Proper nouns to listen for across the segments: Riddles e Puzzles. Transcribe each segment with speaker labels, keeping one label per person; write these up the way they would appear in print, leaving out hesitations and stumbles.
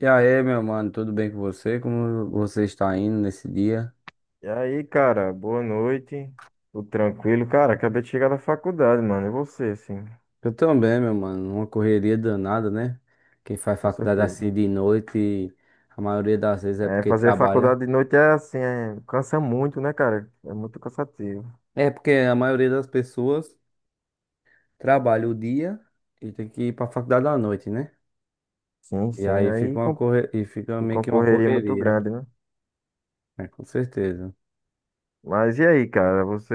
Speaker 1: E aí, meu mano, tudo bem com você? Como você está indo nesse dia?
Speaker 2: E aí, cara, boa noite. Tudo tranquilo? Cara, acabei de chegar da faculdade, mano. E você, sim,
Speaker 1: Eu também, meu mano, uma correria danada, né? Quem faz
Speaker 2: com
Speaker 1: faculdade
Speaker 2: certeza.
Speaker 1: assim de noite, a maioria das vezes é
Speaker 2: É,
Speaker 1: porque
Speaker 2: fazer
Speaker 1: trabalha.
Speaker 2: faculdade de noite é assim, cansa muito, né, cara? É muito cansativo.
Speaker 1: É porque a maioria das pessoas trabalha o dia e tem que ir pra faculdade à noite, né?
Speaker 2: Sim,
Speaker 1: E
Speaker 2: sim.
Speaker 1: aí fica uma corre... e fica meio que uma
Speaker 2: Concorreria muito
Speaker 1: correria,
Speaker 2: grande, né?
Speaker 1: né? Com certeza.
Speaker 2: Mas e aí, cara, você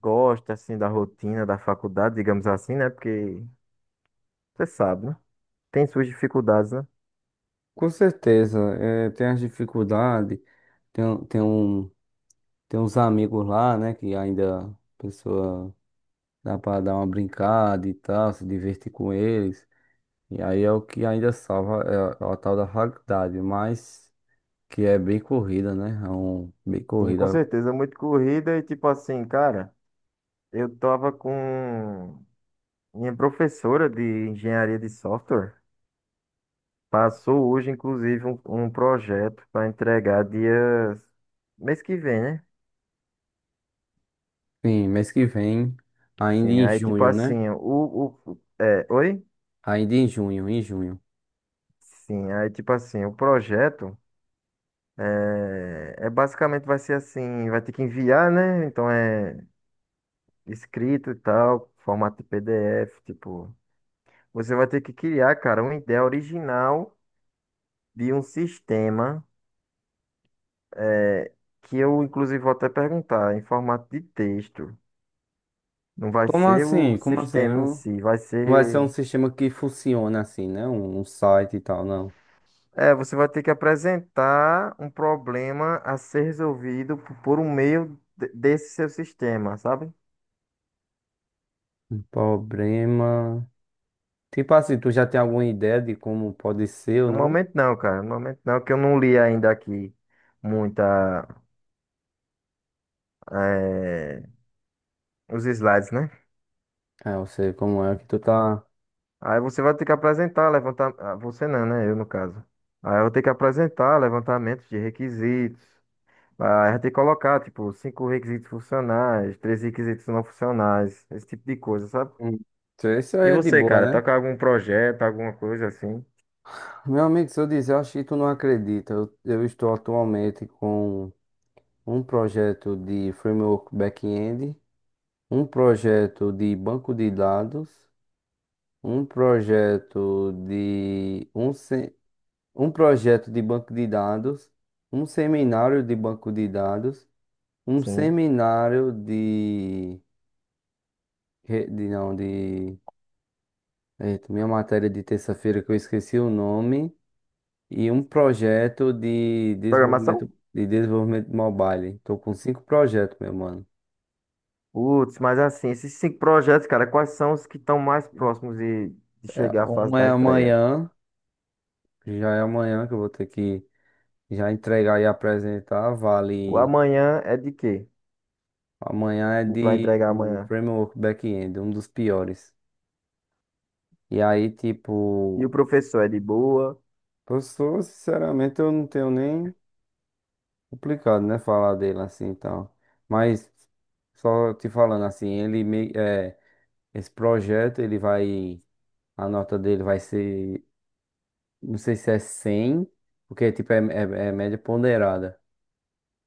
Speaker 2: gosta, assim, da rotina da faculdade, digamos assim, né? Porque você sabe, né? Tem suas dificuldades, né?
Speaker 1: Com certeza, é, tem as dificuldades, tem, tem um, tem uns amigos lá, né, que ainda a pessoa dá pra dar uma brincada e tal, se divertir com eles. E aí é o que ainda salva, a tal da faculdade, mas que é bem corrida, né? Bem
Speaker 2: Sim, com
Speaker 1: corrida.
Speaker 2: certeza. Muito corrida e, tipo assim, cara, eu tava com. Minha professora de engenharia de software passou hoje, inclusive, um projeto para entregar dia mês que vem, né?
Speaker 1: Sim, mês que vem, ainda
Speaker 2: Sim,
Speaker 1: em
Speaker 2: aí tipo
Speaker 1: junho, né?
Speaker 2: assim, oi?
Speaker 1: Ainda em junho, em junho.
Speaker 2: Sim, aí tipo assim, o projeto é basicamente vai ser assim, vai ter que enviar, né? Então é escrito e tal, formato de PDF, tipo, você vai ter que criar, cara, uma ideia original de um sistema que eu inclusive vou até perguntar, em formato de texto. Não vai
Speaker 1: Como
Speaker 2: ser o
Speaker 1: assim? Como assim?
Speaker 2: sistema em
Speaker 1: Não,
Speaker 2: si, vai
Speaker 1: não vai ser um
Speaker 2: ser.
Speaker 1: sistema que funciona assim, né? Um site e tal, não.
Speaker 2: É, você vai ter que apresentar um problema a ser resolvido por um meio desse seu sistema, sabe?
Speaker 1: Um problema. Tipo assim, tu já tem alguma ideia de como pode ser ou
Speaker 2: No
Speaker 1: não?
Speaker 2: momento não, cara. No momento não, que eu não li ainda aqui muita eh, os slides, né?
Speaker 1: É, eu sei como é que tu tá.
Speaker 2: Aí você vai ter que apresentar, levantar. Você não, né? Eu no caso. Aí eu vou ter que apresentar levantamentos de requisitos. Ah, já tem que colocar, tipo, cinco requisitos funcionais, três requisitos não funcionais, esse tipo de coisa, sabe?
Speaker 1: Hum. Isso
Speaker 2: E
Speaker 1: aí é de
Speaker 2: você,
Speaker 1: boa,
Speaker 2: cara, tá
Speaker 1: né?
Speaker 2: com algum projeto, alguma coisa assim?
Speaker 1: Meu amigo, se eu disser, eu acho que tu não acredita. Eu estou atualmente com um projeto de framework back-end, um projeto de banco de dados, um projeto de um, se- um projeto de banco de dados, um seminário de banco de dados, um
Speaker 2: Sim.
Speaker 1: seminário de, de não, de, eita, minha matéria de terça-feira que eu esqueci o nome. E um projeto
Speaker 2: Programação?
Speaker 1: de desenvolvimento mobile. Tô com cinco projetos, meu mano.
Speaker 2: Putz, mas assim, esses cinco projetos, cara, quais são os que estão mais próximos de
Speaker 1: É,
Speaker 2: chegar à fase
Speaker 1: um é
Speaker 2: da entrega?
Speaker 1: amanhã, já é amanhã que eu vou ter que já entregar e apresentar.
Speaker 2: O
Speaker 1: Vale.
Speaker 2: amanhã é de quê?
Speaker 1: Amanhã é
Speaker 2: O para entregar
Speaker 1: de
Speaker 2: amanhã.
Speaker 1: framework back-end, um dos piores. E aí,
Speaker 2: E o
Speaker 1: tipo,
Speaker 2: professor é de boa,
Speaker 1: professor, sinceramente, eu não tenho nem complicado, né? Falar dele assim e tal. Mas só te falando assim, ele me, é, esse projeto ele vai A nota dele vai ser, não sei se é 100, porque tipo é média ponderada.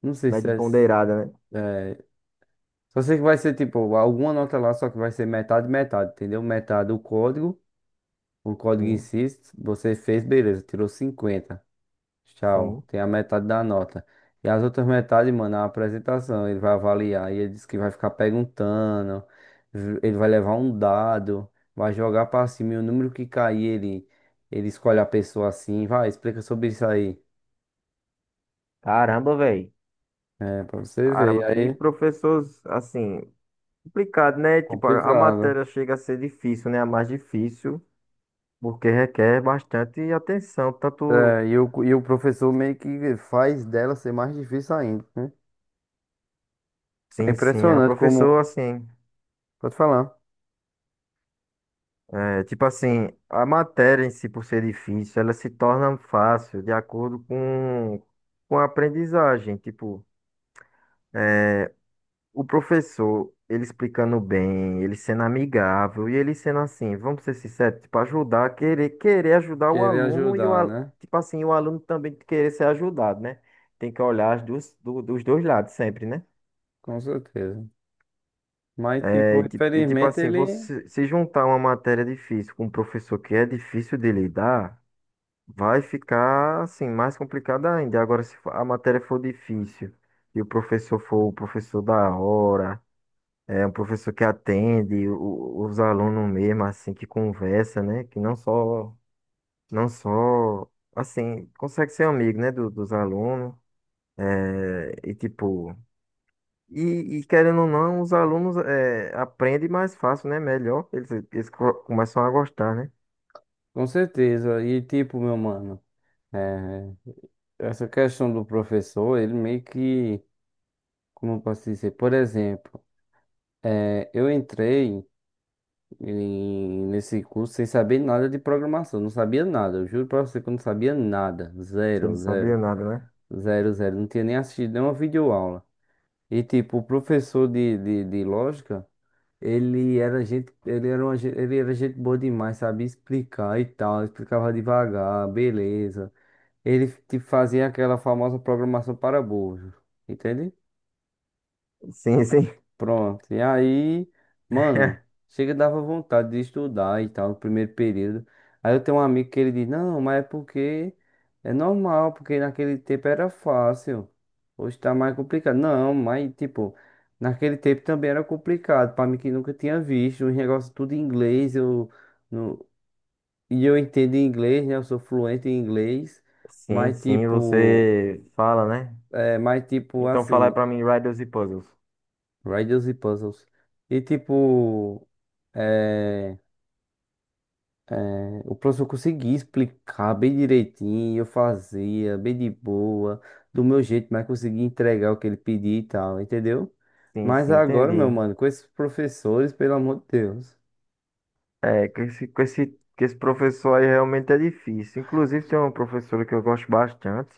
Speaker 1: Não sei
Speaker 2: mas
Speaker 1: se
Speaker 2: de
Speaker 1: é,
Speaker 2: ponderada, né?
Speaker 1: é, só sei que vai ser tipo alguma nota lá, só que vai ser metade metade, entendeu? Metade o código em
Speaker 2: Sim,
Speaker 1: si, você fez, beleza, tirou 50. Tchau.
Speaker 2: sim.
Speaker 1: Tem a metade da nota. E as outras metades, mano, é a apresentação. Ele vai avaliar e ele disse que vai ficar perguntando. Ele vai levar um dado, vai jogar pra cima e o número que cair, ele escolhe a pessoa assim. Vai, explica sobre isso aí.
Speaker 2: Caramba, velho.
Speaker 1: É, pra você ver. E
Speaker 2: Caramba, que
Speaker 1: aí,
Speaker 2: professores, assim, complicado, né? Tipo, a
Speaker 1: complicado.
Speaker 2: matéria chega a ser difícil, né? A mais difícil, porque requer bastante atenção. Tanto,
Speaker 1: É, e o professor meio que faz dela ser mais difícil ainda, né? É
Speaker 2: sim, sim, a
Speaker 1: impressionante como.
Speaker 2: professora, assim,
Speaker 1: Pode falar.
Speaker 2: é, tipo assim, a matéria em si, por ser difícil, ela se torna fácil de com a aprendizagem. Tipo, o professor, ele explicando bem, ele sendo amigável e ele sendo assim, vamos ser sinceros, tipo, ajudar, querer ajudar o
Speaker 1: Querer
Speaker 2: aluno e
Speaker 1: ajudar, né?
Speaker 2: tipo assim, o aluno também querer ser ajudado, né? Tem que olhar as duas, dos dois lados sempre, né?
Speaker 1: Com certeza. Mas,
Speaker 2: É,
Speaker 1: tipo,
Speaker 2: e tipo
Speaker 1: infelizmente
Speaker 2: assim,
Speaker 1: ele.
Speaker 2: você se juntar uma matéria difícil com um professor que é difícil de lidar, vai ficar assim, mais complicado ainda. Agora, se for- a matéria for difícil e o professor for o professor da hora, é um professor que atende os alunos mesmo, assim, que conversa, né? Que não só, não só, assim, consegue ser amigo, né, dos alunos. É, e tipo, e querendo ou não, os alunos aprendem mais fácil, né? Melhor, começam a gostar, né?
Speaker 1: Com certeza. E tipo, meu mano, é, essa questão do professor, ele meio que, como eu posso dizer, por exemplo, é, eu entrei nesse curso sem saber nada de programação, não sabia nada, eu juro pra você que eu não sabia nada,
Speaker 2: Você não
Speaker 1: zero, zero,
Speaker 2: sabia nada, né?
Speaker 1: zero, zero, não tinha nem assistido nenhuma videoaula. E tipo, o professor de lógica, ele era gente boa demais, sabia explicar e tal, explicava devagar, beleza. Ele te fazia aquela famosa programação para burros, entende?
Speaker 2: Sim, sim.
Speaker 1: Pronto. E aí, mano, chega dava vontade de estudar e tal, no primeiro período. Aí eu tenho um amigo que ele diz, não, mas é porque é normal, porque naquele tempo era fácil. Hoje tá mais complicado. Não, mas tipo, naquele tempo também era complicado. Pra mim que nunca tinha visto, os negócios tudo em inglês, eu não... E eu entendo inglês, né? Eu sou fluente em inglês,
Speaker 2: Sim,
Speaker 1: mas
Speaker 2: sim,
Speaker 1: tipo.
Speaker 2: você fala, né?
Speaker 1: É mais tipo
Speaker 2: Então fala aí
Speaker 1: assim,
Speaker 2: pra mim, Riddles e Puzzles.
Speaker 1: riddles e puzzles. E tipo, é, o professor conseguia explicar bem direitinho, eu fazia bem de boa, do meu jeito, mas conseguia entregar o que ele pedia e tal, entendeu?
Speaker 2: Sim,
Speaker 1: Mas
Speaker 2: sim,
Speaker 1: agora, meu
Speaker 2: entendi.
Speaker 1: mano, com esses professores, pelo amor de Deus,
Speaker 2: É, com esse professor aí realmente é difícil. Inclusive, tem uma professora que eu gosto bastante,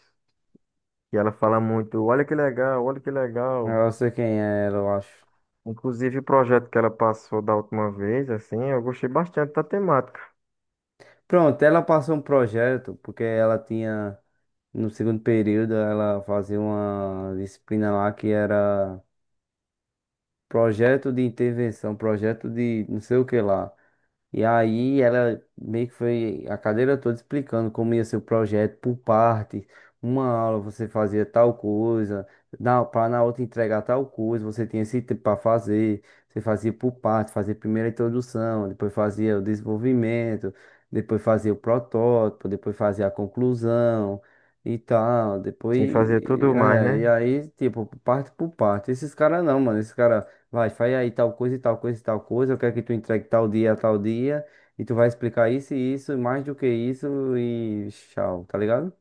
Speaker 2: que ela fala muito, olha que legal, olha que legal.
Speaker 1: eu sei quem era, eu acho.
Speaker 2: Inclusive, o projeto que ela passou da última vez, assim, eu gostei bastante da temática.
Speaker 1: Pronto, ela passou um projeto, porque ela tinha, no segundo período, ela fazia uma disciplina lá que era projeto de intervenção, projeto de não sei o que lá. E aí ela meio que foi a cadeira toda explicando como ia ser o projeto por parte. Uma aula você fazia tal coisa, para na outra entregar tal coisa, você tinha esse tempo para fazer, você fazia por parte, fazia primeiro a introdução, depois fazia o desenvolvimento, depois fazia o protótipo, depois fazia a conclusão e tal, depois,
Speaker 2: Sim, fazer tudo mais, né?
Speaker 1: e aí, tipo, parte por parte. Esses caras não, mano, esses caras vai, faz aí tal coisa e tal coisa e tal coisa. Eu quero que tu entregue tal dia, a tal dia. E tu vai explicar isso e isso, e mais do que isso e tchau, tá ligado?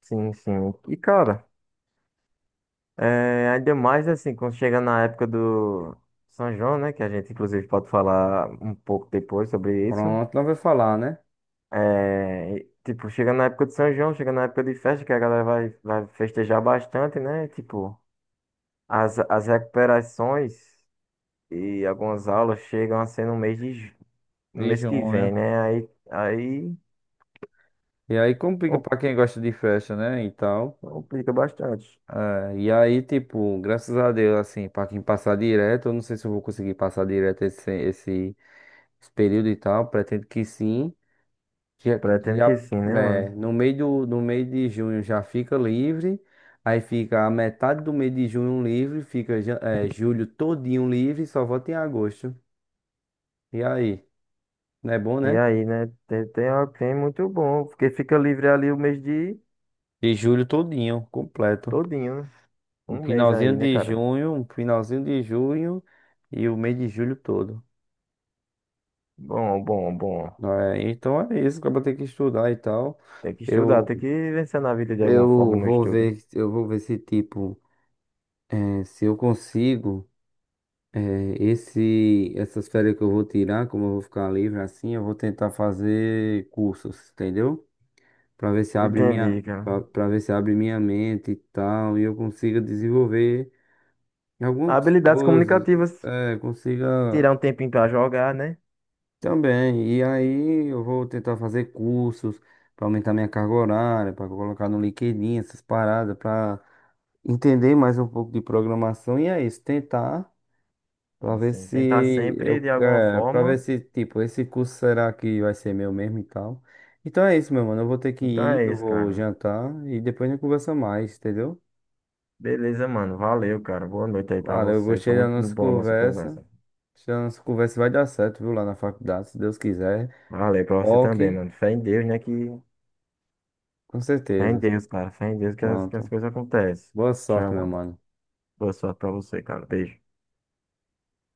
Speaker 2: Sim, sim. E, cara, ainda mais, assim, quando chega na época do São João, né? Que a gente, inclusive, pode falar um pouco depois sobre isso.
Speaker 1: Pronto, não vai falar, né?
Speaker 2: É, tipo, chega na época de São João, chega na época de festa, que a galera vai festejar bastante, né? Tipo, as recuperações e algumas aulas chegam a ser no mês no
Speaker 1: De
Speaker 2: mês que vem,
Speaker 1: junho.
Speaker 2: né?
Speaker 1: E aí complica
Speaker 2: Com-
Speaker 1: pra quem gosta de festa, né? E tal.
Speaker 2: complica bastante.
Speaker 1: É, e aí, tipo, graças a Deus, assim, pra quem passar direto, eu não sei se eu vou conseguir passar direto esse período e tal. Pretendo que sim. Já,
Speaker 2: Pretendo que
Speaker 1: já,
Speaker 2: sim, né, mano?
Speaker 1: no meio de junho já fica livre, aí fica a metade do mês de junho livre, fica julho todinho livre, só volta em agosto. E aí? Não é bom,
Speaker 2: E
Speaker 1: né?
Speaker 2: aí, né? Tem muito bom, porque fica livre ali o mês de
Speaker 1: E julho todinho, completo.
Speaker 2: todinho, né?
Speaker 1: Um
Speaker 2: Um mês aí,
Speaker 1: finalzinho
Speaker 2: né,
Speaker 1: de
Speaker 2: cara?
Speaker 1: junho, um finalzinho de junho e o mês de julho todo.
Speaker 2: Bom, bom, bom.
Speaker 1: É, então é isso, acaba ter que estudar e tal.
Speaker 2: Tem que estudar,
Speaker 1: Eu,
Speaker 2: tem que vencer na vida de alguma
Speaker 1: eu
Speaker 2: forma no
Speaker 1: vou
Speaker 2: estudo.
Speaker 1: ver, eu vou ver, se tipo, se eu consigo. É, essas férias que eu vou tirar, como eu vou ficar livre assim, eu vou tentar fazer cursos, entendeu? Para ver se abre minha,
Speaker 2: Entendi, cara.
Speaker 1: para ver se abre minha mente e tal, e eu consiga desenvolver algumas
Speaker 2: Habilidades
Speaker 1: coisas,
Speaker 2: comunicativas,
Speaker 1: consiga
Speaker 2: tirar um tempinho pra jogar, né?
Speaker 1: também. E aí eu vou tentar fazer cursos para aumentar minha carga horária, para colocar no LinkedIn essas paradas, para entender mais um pouco de programação e é isso, tentar. Pra ver
Speaker 2: Assim, tentar
Speaker 1: se
Speaker 2: sempre
Speaker 1: eu,
Speaker 2: de alguma
Speaker 1: pra ver
Speaker 2: forma.
Speaker 1: se, tipo, esse curso será que vai ser meu mesmo e tal. Então é isso, meu mano. Eu vou ter que
Speaker 2: Então
Speaker 1: ir,
Speaker 2: é
Speaker 1: eu
Speaker 2: isso,
Speaker 1: vou
Speaker 2: cara.
Speaker 1: jantar e depois a gente conversa mais, entendeu?
Speaker 2: Beleza, mano. Valeu, cara. Boa noite aí pra
Speaker 1: Valeu, eu
Speaker 2: você. Foi
Speaker 1: gostei da
Speaker 2: muito
Speaker 1: nossa
Speaker 2: bom a nossa
Speaker 1: conversa.
Speaker 2: conversa.
Speaker 1: Acho que a nossa conversa vai dar certo, viu, lá na faculdade, se Deus quiser.
Speaker 2: Valeu pra você também,
Speaker 1: Ok,
Speaker 2: mano. Fé em Deus, né? Que...
Speaker 1: com
Speaker 2: Fé em
Speaker 1: certeza.
Speaker 2: Deus, cara. Fé em Deus que que as
Speaker 1: Pronto.
Speaker 2: coisas acontecem.
Speaker 1: Boa sorte,
Speaker 2: Tchau,
Speaker 1: meu
Speaker 2: mano.
Speaker 1: mano.
Speaker 2: Boa sorte pra você, cara. Beijo.